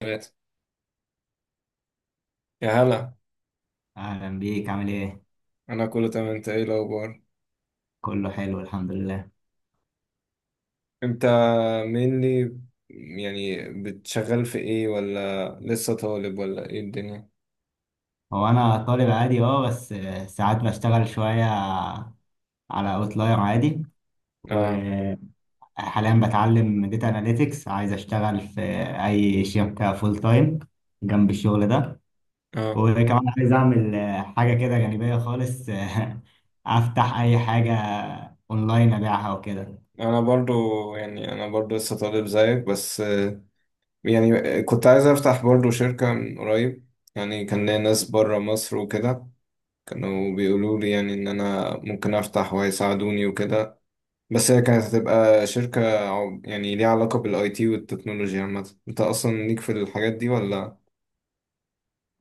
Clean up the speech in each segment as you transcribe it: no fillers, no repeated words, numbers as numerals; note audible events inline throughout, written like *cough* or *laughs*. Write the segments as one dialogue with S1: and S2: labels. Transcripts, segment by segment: S1: ثلاثة. يا هلا.
S2: أهلا بيك، عامل إيه؟
S1: أنا كله تمام، أنت إيه الأخبار؟
S2: كله حلو الحمد لله.
S1: أنت مينلي يعني بتشغل في إيه ولا لسه طالب ولا إيه الدنيا؟
S2: هو أنا طالب عادي أه، بس ساعات بشتغل شوية على أوتلاير عادي.
S1: آه.
S2: وحاليا بتعلم داتا أناليتكس، عايز أشتغل في أي شركة فول تايم جنب الشغل ده.
S1: آه.
S2: وكمان عايز أعمل حاجة كده جانبية خالص، *laughs* أفتح أي حاجة أونلاين أبيعها وكده.
S1: أنا برضو، يعني أنا برضو لسه طالب زيك بس يعني كنت عايز أفتح برضو شركة من قريب، يعني كان ليا ناس برا مصر وكده، كانوا بيقولوا لي يعني إن أنا ممكن أفتح وهيساعدوني وكده. بس هي كانت هتبقى شركة يعني ليها علاقة بالاي تي والتكنولوجيا. عامة انت اصلا ليك في الحاجات دي ولا؟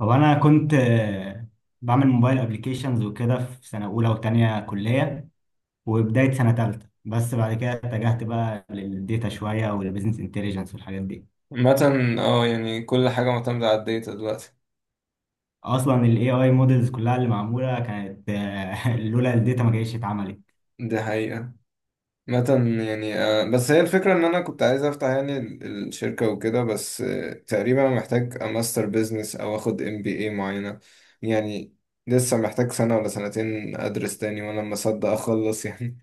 S2: هو أنا كنت بعمل موبايل أبليكيشنز وكده في سنة أولى وتانية كلية وبداية سنة تالتة، بس بعد كده اتجهت بقى للديتا شوية والبيزنس انتليجنس والحاجات دي.
S1: مثلا اه يعني كل حاجة معتمدة على الداتا دلوقتي.
S2: أصلا ال AI مودلز كلها اللي معمولة كانت، *laughs* لولا الداتا ما جايش اتعملت.
S1: دي حقيقة. مثلا يعني بس هي الفكرة إن أنا كنت عايز أفتح يعني الشركة وكده، بس تقريبا محتاج ماستر بيزنس أو أخد ام بي اي معينة. يعني لسه محتاج سنة ولا سنتين أدرس تاني، وأنا لما أصدق أخلص يعني.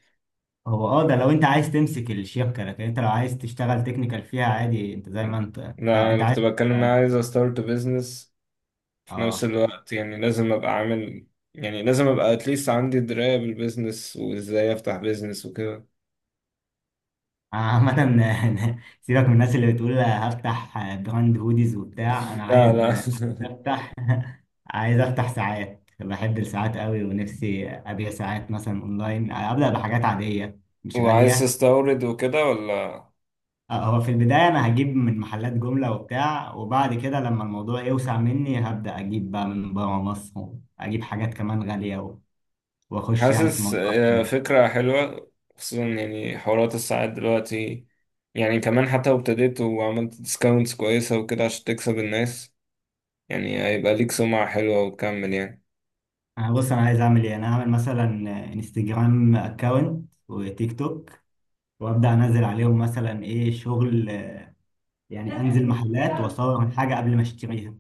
S2: هو اه، ده لو انت عايز تمسك الشبكة، لكن انت لو عايز تشتغل تكنيكال فيها عادي انت زي ما
S1: *laughs*
S2: انت انت,
S1: لا
S2: انت
S1: أنا كنت
S2: عايز.
S1: بتكلم إن أنا
S2: اه
S1: عايز أستارت بيزنس، في نفس
S2: آه.
S1: الوقت يعني لازم ابقى عامل، يعني لازم ابقى اتليست عندي دراية بالبيزنس وازاي افتح بيزنس وكده.
S2: عامة *laughs* سيبك من الناس اللي بتقول هفتح براند هوديز وبتاع. انا
S1: لا
S2: عايز
S1: لا.
S2: افتح، عايز افتح ساعات، بحب الساعات قوي ونفسي ابيع ساعات مثلا اونلاين، ابدا بحاجات عاديه
S1: *laughs*
S2: مش
S1: وعايز
S2: غاليه.
S1: تستورد وكده ولا؟
S2: آه، هو في البدايه انا هجيب من محلات جمله وبتاع، وبعد كده لما الموضوع يوسع مني هبدا اجيب بقى من بره مصر، اجيب حاجات كمان غاليه و- واخش يعني في
S1: حاسس
S2: الموضوع. كويس.
S1: فكرة حلوة، خصوصا يعني حوارات الساعات دلوقتي. يعني كمان حتى لو ابتديت وعملت ديسكاونتس كويسة وكده عشان تكسب الناس، يعني هيبقى ليك سمعة حلوة وتكمل يعني.
S2: انا بص، انا عايز اعمل ايه؟ انا هعمل مثلا انستجرام اكونت وتيك توك، وابدا انزل عليهم مثلا ايه شغل؟ يعني انزل محلات واصور الحاجه قبل ما اشتريها،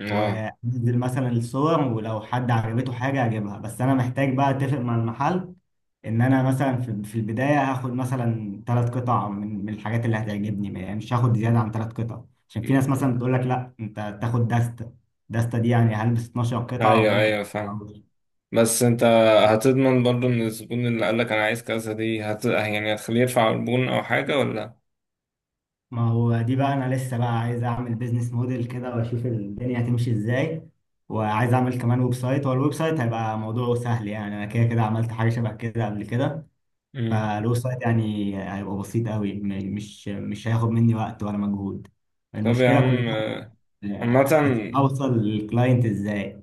S1: اه.
S2: وانزل مثلا الصور ولو حد عجبته حاجة اجيبها. بس انا محتاج بقى اتفق مع المحل ان انا مثلا في البداية هاخد مثلا ثلاث قطع من الحاجات اللي هتعجبني. يعني مش هاخد زيادة عن ثلاث قطع، عشان في ناس مثلا بتقول لك لا انت تاخد دستة. دستة دي يعني هلبس 12 قطعة
S1: ايوه
S2: وممكن
S1: ايوه فاهم.
S2: أعوض.
S1: بس انت هتضمن برضو ان الزبون اللي قالك انا عايز كذا دي هت... يعني هتخليه يدفع عربون او حاجة ولا؟
S2: ما هو دي بقى، انا لسه بقى عايز اعمل بيزنس موديل كده واشوف الدنيا هتمشي ازاي. وعايز اعمل كمان ويب سايت. هو الويب سايت هيبقى موضوعه سهل، يعني انا كده كده عملت حاجة شبه كده قبل كده.
S1: مم.
S2: فالويب سايت يعني هيبقى بسيط قوي، مش هياخد مني وقت ولا مجهود.
S1: طب يا
S2: المشكلة كلها
S1: عم عامة
S2: اوصل للكلاينت ازاي.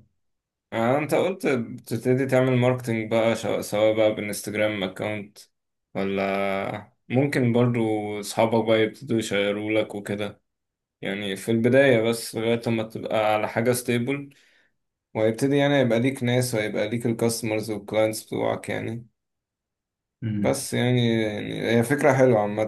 S1: انت قلت بتبتدي تعمل ماركتينج بقى سواء بقى بالانستجرام اكونت ولا ممكن برضو اصحابك بقى يبتدوا يشيرولك وكده، يعني في البداية بس لغاية لما تبقى على حاجة ستيبل وهيبتدي يعني يبقى ليك ناس وهيبقى ليك الكاستمرز والكلاينتس بتوعك يعني.
S2: امم،
S1: بس يعني يعني هي فكرة حلوة عامة.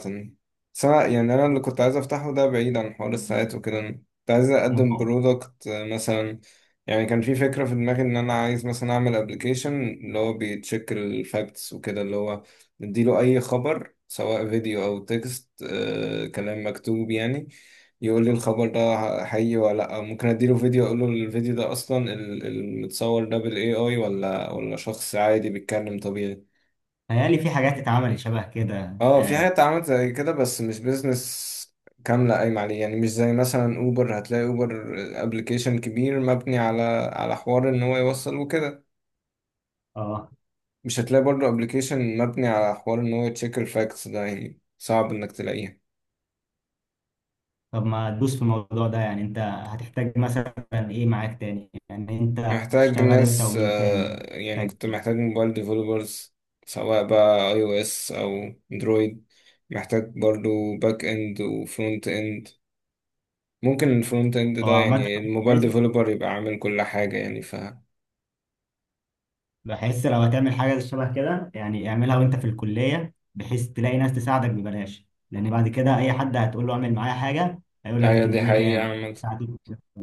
S1: بس أنا يعني أنا اللي كنت عايز أفتحه ده بعيد عن حوار الساعات وكده، أنا كنت عايز
S2: ما
S1: أقدم
S2: هو-
S1: برودكت مثلا. يعني كان في فكرة في دماغي إن أنا عايز مثلا أعمل أبلكيشن اللي هو بيتشيك الفاكتس وكده، اللي هو نديله أي خبر سواء فيديو أو تكست آه كلام مكتوب يعني، يقول لي
S2: آه.
S1: الخبر ده حقيقي ولا لأ. ممكن أديله فيديو أقول له الفيديو ده أصلا المتصور ده بال AI ولا شخص عادي بيتكلم طبيعي.
S2: تهيألي في حاجات اتعملت شبه كده
S1: اه في
S2: اه.
S1: حاجات اتعملت زي كده بس مش بيزنس كاملة قايمة عليه، يعني مش زي مثلا اوبر. هتلاقي اوبر ابلكيشن كبير مبني على على حوار ان هو يوصل وكده.
S2: آه.
S1: مش هتلاقي برضه ابلكيشن مبني على حوار ان هو يتشيك الفاكتس، ده يعني صعب انك تلاقيه.
S2: طب ما تدوس في الموضوع ده، يعني انت هتحتاج مثلا ايه معاك تاني؟ يعني انت
S1: محتاج
S2: هتشتغل انت
S1: ناس
S2: ومين تاني؟
S1: يعني
S2: تحتاج
S1: كنت
S2: ايه؟
S1: محتاج موبايل ديفلوبرز، سواء بقى اي او اس او اندرويد. محتاج برضه باك اند وفرونت اند. ممكن الفرونت اند
S2: هو
S1: ده
S2: عامة
S1: يعني الموبايل ديفلوبر يبقى عامل كل حاجة يعني ف...
S2: بحس لو هتعمل حاجة شبه كده يعني اعملها وانت في الكلية، بحيث تلاقي ناس تساعدك ببلاش، لأن بعد كده أي حد هتقول له اعمل معايا حاجة هيقول لك
S1: ايوه دي
S2: هتديني
S1: حقيقة
S2: كام.
S1: عامة.
S2: هتديني كام.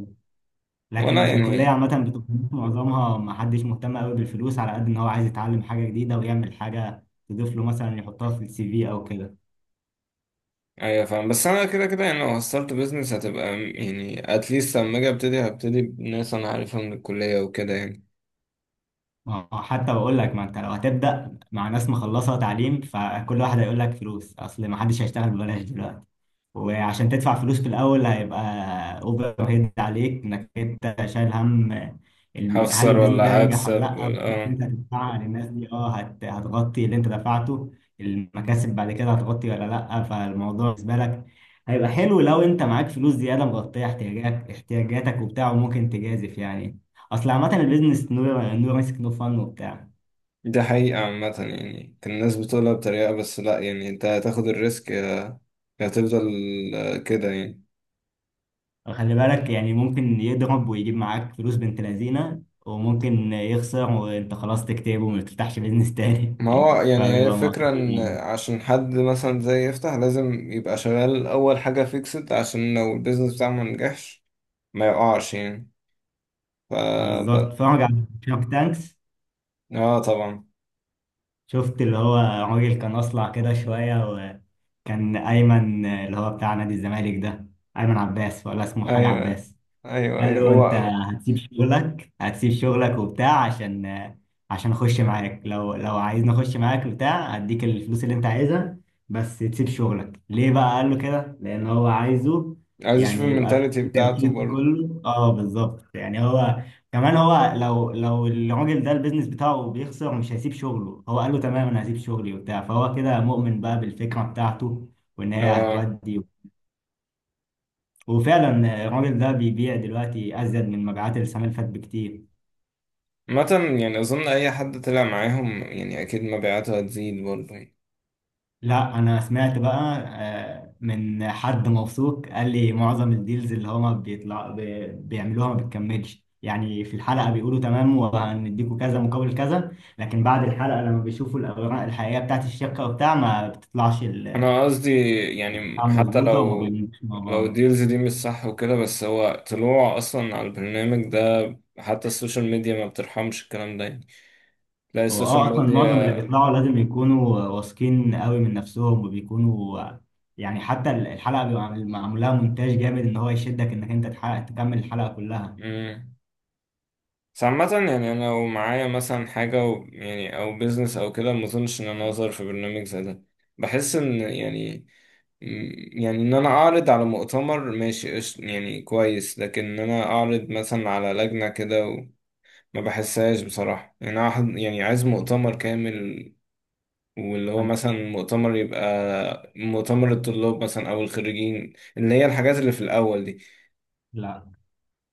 S2: لكن
S1: ولا
S2: في الكلية
S1: يعني
S2: عامة بتبقى معظمها ما حدش مهتم قوي بالفلوس، على قد إن هو عايز يتعلم حاجة جديدة ويعمل حاجة تضيف له مثلا يحطها في السي في أو كده.
S1: ايوه فاهم. بس انا كده كده يعني لو هستارت بيزنس هتبقى يعني اتليست لما اجي ابتدي هبتدي بناس انا عارفها من الكلية وكده يعني.
S2: ما هو حتى بقول لك، ما أنت لو هتبدأ مع ناس مخلصة تعليم فكل واحد هيقول لك فلوس، أصل ما حدش هيشتغل ببلاش دلوقتي. وعشان تدفع فلوس في الأول هيبقى أوفر هيد عليك، إنك أنت شايل هم هل
S1: هخسر
S2: البيزنس ده
S1: ولا
S2: ينجح ولا
S1: هكسب
S2: لأ،
S1: ولا
S2: والفلوس اللي
S1: اه.
S2: أنت هتدفعها للناس دي أه هتغطي اللي أنت دفعته؟ المكاسب بعد كده هتغطي ولا لأ؟ فالموضوع بالنسبة لك هيبقى حلو لو أنت معاك فلوس زيادة مغطية احتياجاتك وبتاع، وممكن تجازف يعني. أصل عامة البيزنس، نو ريسك نو فن وبتاع.
S1: دي حقيقة عامة، يعني كان الناس بتقولها بطريقة، بس لا يعني انت هتاخد الريسك يا هتفضل كده يعني.
S2: خلي بالك يعني ممكن يضرب ويجيب معاك فلوس بنت لذينه، وممكن يخسر وانت خلاص تكتئب وما تفتحش بيزنس تاني
S1: ما هو
S2: *laughs*
S1: يعني هي
S2: فبيبقى
S1: فكرة ان
S2: معتقد.
S1: عشان حد مثلا زي يفتح لازم يبقى شغال اول حاجة فيكسد عشان لو البيزنس بتاعه ما نجحش ما يقعش يعني
S2: بالظبط،
S1: ف...
S2: اتفرج على شارك تانكس.
S1: اه طبعا.
S2: شفت اللي هو راجل كان اصلع كده شويه، وكان ايمن اللي هو بتاع نادي الزمالك ده، ايمن عباس ولا اسمه حاجه
S1: ايوه
S2: عباس،
S1: ايوه
S2: قال
S1: ايوه
S2: له انت
S1: هو.
S2: هتسيب شغلك، هتسيب شغلك وبتاع عشان، عشان اخش معاك، لو عايزني اخش معاك بتاع هديك الفلوس اللي انت عايزها بس تسيب شغلك ليه بقى؟ قال له كده لان هو عايزه
S1: عايز اشوف
S2: يعني يبقى
S1: المنتاليتي
S2: كل
S1: بتاعته
S2: تركيزه
S1: برضه.
S2: كله اه. بالظبط. يعني هو كمان، هو لو الراجل ده البيزنس بتاعه بيخسر مش هيسيب شغله. هو قال له تمام انا هسيب شغلي وبتاع، فهو كده مؤمن بقى بالفكرة بتاعته وان هي
S1: اه
S2: هتودي. وفعلا، الراجل ده بيبيع دلوقتي ازيد من مبيعات السنه اللي فاتت بكتير.
S1: مثلا يعني اظن اي حد طلع معاهم يعني اكيد مبيعاته هتزيد برضه يعني.
S2: لا انا سمعت بقى، من حد موثوق قال لي معظم الديلز اللي هما بيعملوها ما بتكملش. يعني في الحلقه بيقولوا تمام وهنديكوا كذا مقابل كذا، لكن بعد الحلقه لما بيشوفوا الاوراق الحقيقيه بتاعت الشركه وبتاع ما بتطلعش
S1: انا قصدي يعني
S2: بتاع
S1: حتى
S2: مظبوطه وما
S1: لو
S2: بيمشوش مع
S1: لو
S2: بعض.
S1: الديلز دي مش صح وكده، بس هو طلوع اصلا على البرنامج ده، حتى السوشيال ميديا ما بترحمش الكلام ده يعني. تلاقي
S2: هو
S1: السوشيال
S2: اه، اصلا معظم اللي بيطلعوا لازم يكونوا واثقين قوي من نفسهم وبيكونوا، يعني حتى الحلقه بيبقى معمول لها مونتاج جامد ان هو يشدك انك انت تحقق تكمل الحلقه كلها.
S1: ميديا. بس عامة يعني أنا لو معايا مثلا حاجة و يعني أو بيزنس أو كده، ما أظنش إن أنا أظهر في برنامج زي ده. بحس إن يعني يعني إن أنا أعرض على مؤتمر ماشي يعني كويس، لكن إن أنا أعرض مثلا على لجنة كده و-، ما بحسهاش بصراحة يعني. أنا يعني عايز مؤتمر كامل، واللي هو مثلا مؤتمر يبقى مؤتمر الطلاب مثلا أو الخريجين، اللي هي الحاجات اللي في الأول دي.
S2: لا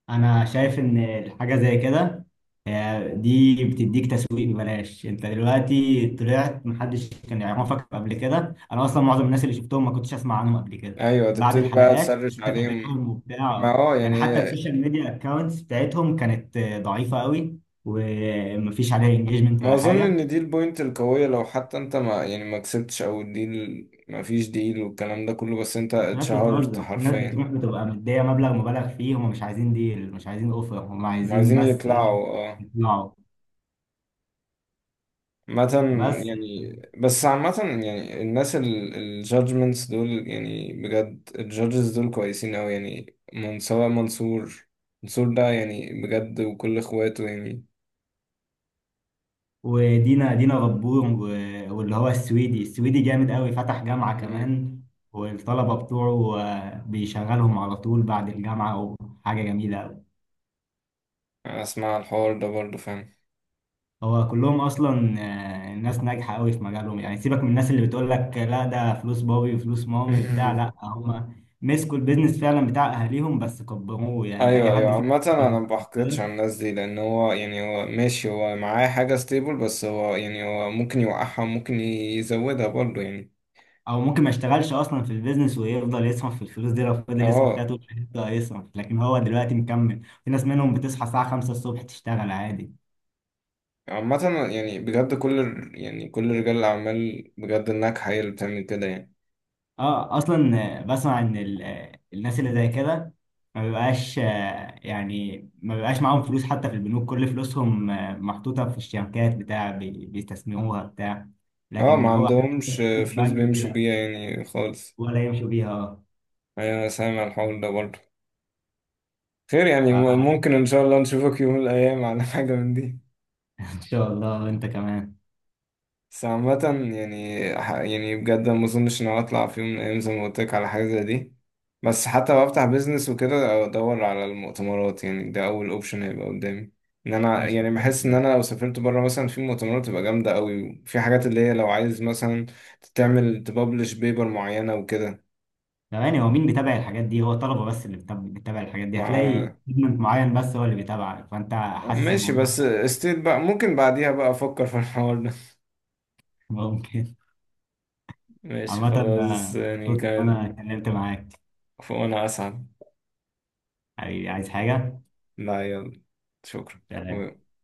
S2: انا شايف ان حاجه زي كده، دي بتديك تسويق ببلاش. انت دلوقتي طلعت محدش كان يعرفك قبل كده. انا اصلا معظم الناس اللي شفتهم ما كنتش اسمع عنهم قبل كده،
S1: أيوة
S2: بعد
S1: تبتدي بقى
S2: الحلقات
S1: تسرش
S2: انت
S1: عليهم.
S2: تابعهم
S1: ما
S2: وبتاع.
S1: اه
S2: يعني
S1: يعني
S2: حتى السوشيال ميديا اكونتس بتاعتهم كانت ضعيفه قوي ومفيش عليها انجيجمنت
S1: ما
S2: ولا
S1: اظن
S2: حاجه.
S1: ان دي البوينت القويه، لو حتى انت ما يعني ما كسبتش او الديل ما فيش ديل والكلام ده كله، بس انت
S2: الناس
S1: اتشهرت
S2: بتهزر، الناس
S1: حرفيا.
S2: بتروح بتبقى مديه مبلغ مبالغ فيه، هم مش عايزين ديل، مش عايزين اوفر، هم
S1: هم
S2: عايزين
S1: عايزين
S2: بس ايه؟
S1: يطلعوا اه.
S2: يطلعوا.
S1: عامة
S2: بس،
S1: يعني. بس عامة يعني الناس الجادجمنتس دول يعني بجد الجادجز دول كويسين أوي يعني، من سواء منصور. منصور ده يعني بجد، وكل اخواته يعني.
S2: ودينا، دينا غبور، و- واللي هو السويدي، السويدي جامد قوي، فتح جامعة
S1: مم.
S2: كمان، والطلبة بتوعه بيشغلهم على طول بعد الجامعة، وحاجة جميلة قوي.
S1: أنا أسمع الحوار ده برضه فاهم.
S2: هو كلهم أصلا ناس ناجحة قوي في مجالهم. يعني سيبك من الناس اللي بتقول لك لا ده فلوس بابي وفلوس مامي وبتاع.
S1: *laughs*
S2: لا، هم مسكوا البيزنس فعلا بتاع أهاليهم بس كبروه، يعني أي
S1: ايوه ايوه.
S2: حد
S1: عامة انا
S2: فيهم
S1: ما بحقدش على الناس دي لان هو يعني هو ماشي، هو معاه حاجة ستيبل، بس هو يعني هو ممكن يوقعها وممكن يزودها برضه يعني.
S2: او ممكن ما يشتغلش اصلا في البيزنس ويفضل يصرف في الفلوس دي، لو فضل يصرف فيها
S1: اه
S2: طول حياته هيصرف، لكن هو دلوقتي مكمل. في ناس منهم بتصحى الساعه 5 الصبح تشتغل عادي.
S1: عامة يعني بجد يعني كل رجال الاعمال بجد الناجحة هي اللي بتعمل كده يعني.
S2: اه اصلا، بسمع ان الناس اللي زي كده ما بيبقاش يعني ما بيبقاش معاهم فلوس حتى في البنوك. كل فلوسهم محطوطه في الشبكات بتاع بيستثمروها بتاع،
S1: اه
S2: لكن ان
S1: ما
S2: هو حاطط
S1: عندهمش
S2: فلوس في
S1: فلوس
S2: البنك دي
S1: بيمشوا
S2: لا.
S1: بيها يعني خالص.
S2: ولا يمشوا بيها اه.
S1: ايوه انا سامع الحوار ده برضه. خير يعني
S2: فان
S1: ممكن ان شاء الله نشوفك يوم من الايام على *laughs* حاجة من دي.
S2: *laughs* شاء الله انت كمان.
S1: بس عامة يعني يعني بجد ما اظنش ان أنا اطلع في يوم من الايام زي ما قلت لك على حاجة زي دي. بس حتى لو افتح بيزنس وكده ادور على المؤتمرات يعني ده اول اوبشن هيبقى قدامي. ان انا
S2: مش
S1: يعني بحس ان انا لو سافرت بره مثلا في مؤتمرات تبقى جامدة قوي، وفي حاجات اللي هي لو عايز مثلا تعمل تببلش بيبر معينة وكده.
S2: يعني هو مين بيتابع الحاجات دي؟ هو الطلبه بس اللي بتتابع الحاجات دي،
S1: مع
S2: هتلاقي سيجمنت معين بس هو اللي بيتابعك، فانت حاسس
S1: ماشي، بس
S2: الموضوع.
S1: استيت بقى ممكن بعديها بقى افكر في الحوار ده.
S2: *laughs* ممكن.
S1: *laughs* ماشي
S2: عامه،
S1: خلاص يعني
S2: مبسوط ان
S1: كان.
S2: انا اتكلمت معاك.
S1: وانا اسعد.
S2: حبيبي عايز حاجه؟
S1: لا يلا، شكرا.
S2: سلام.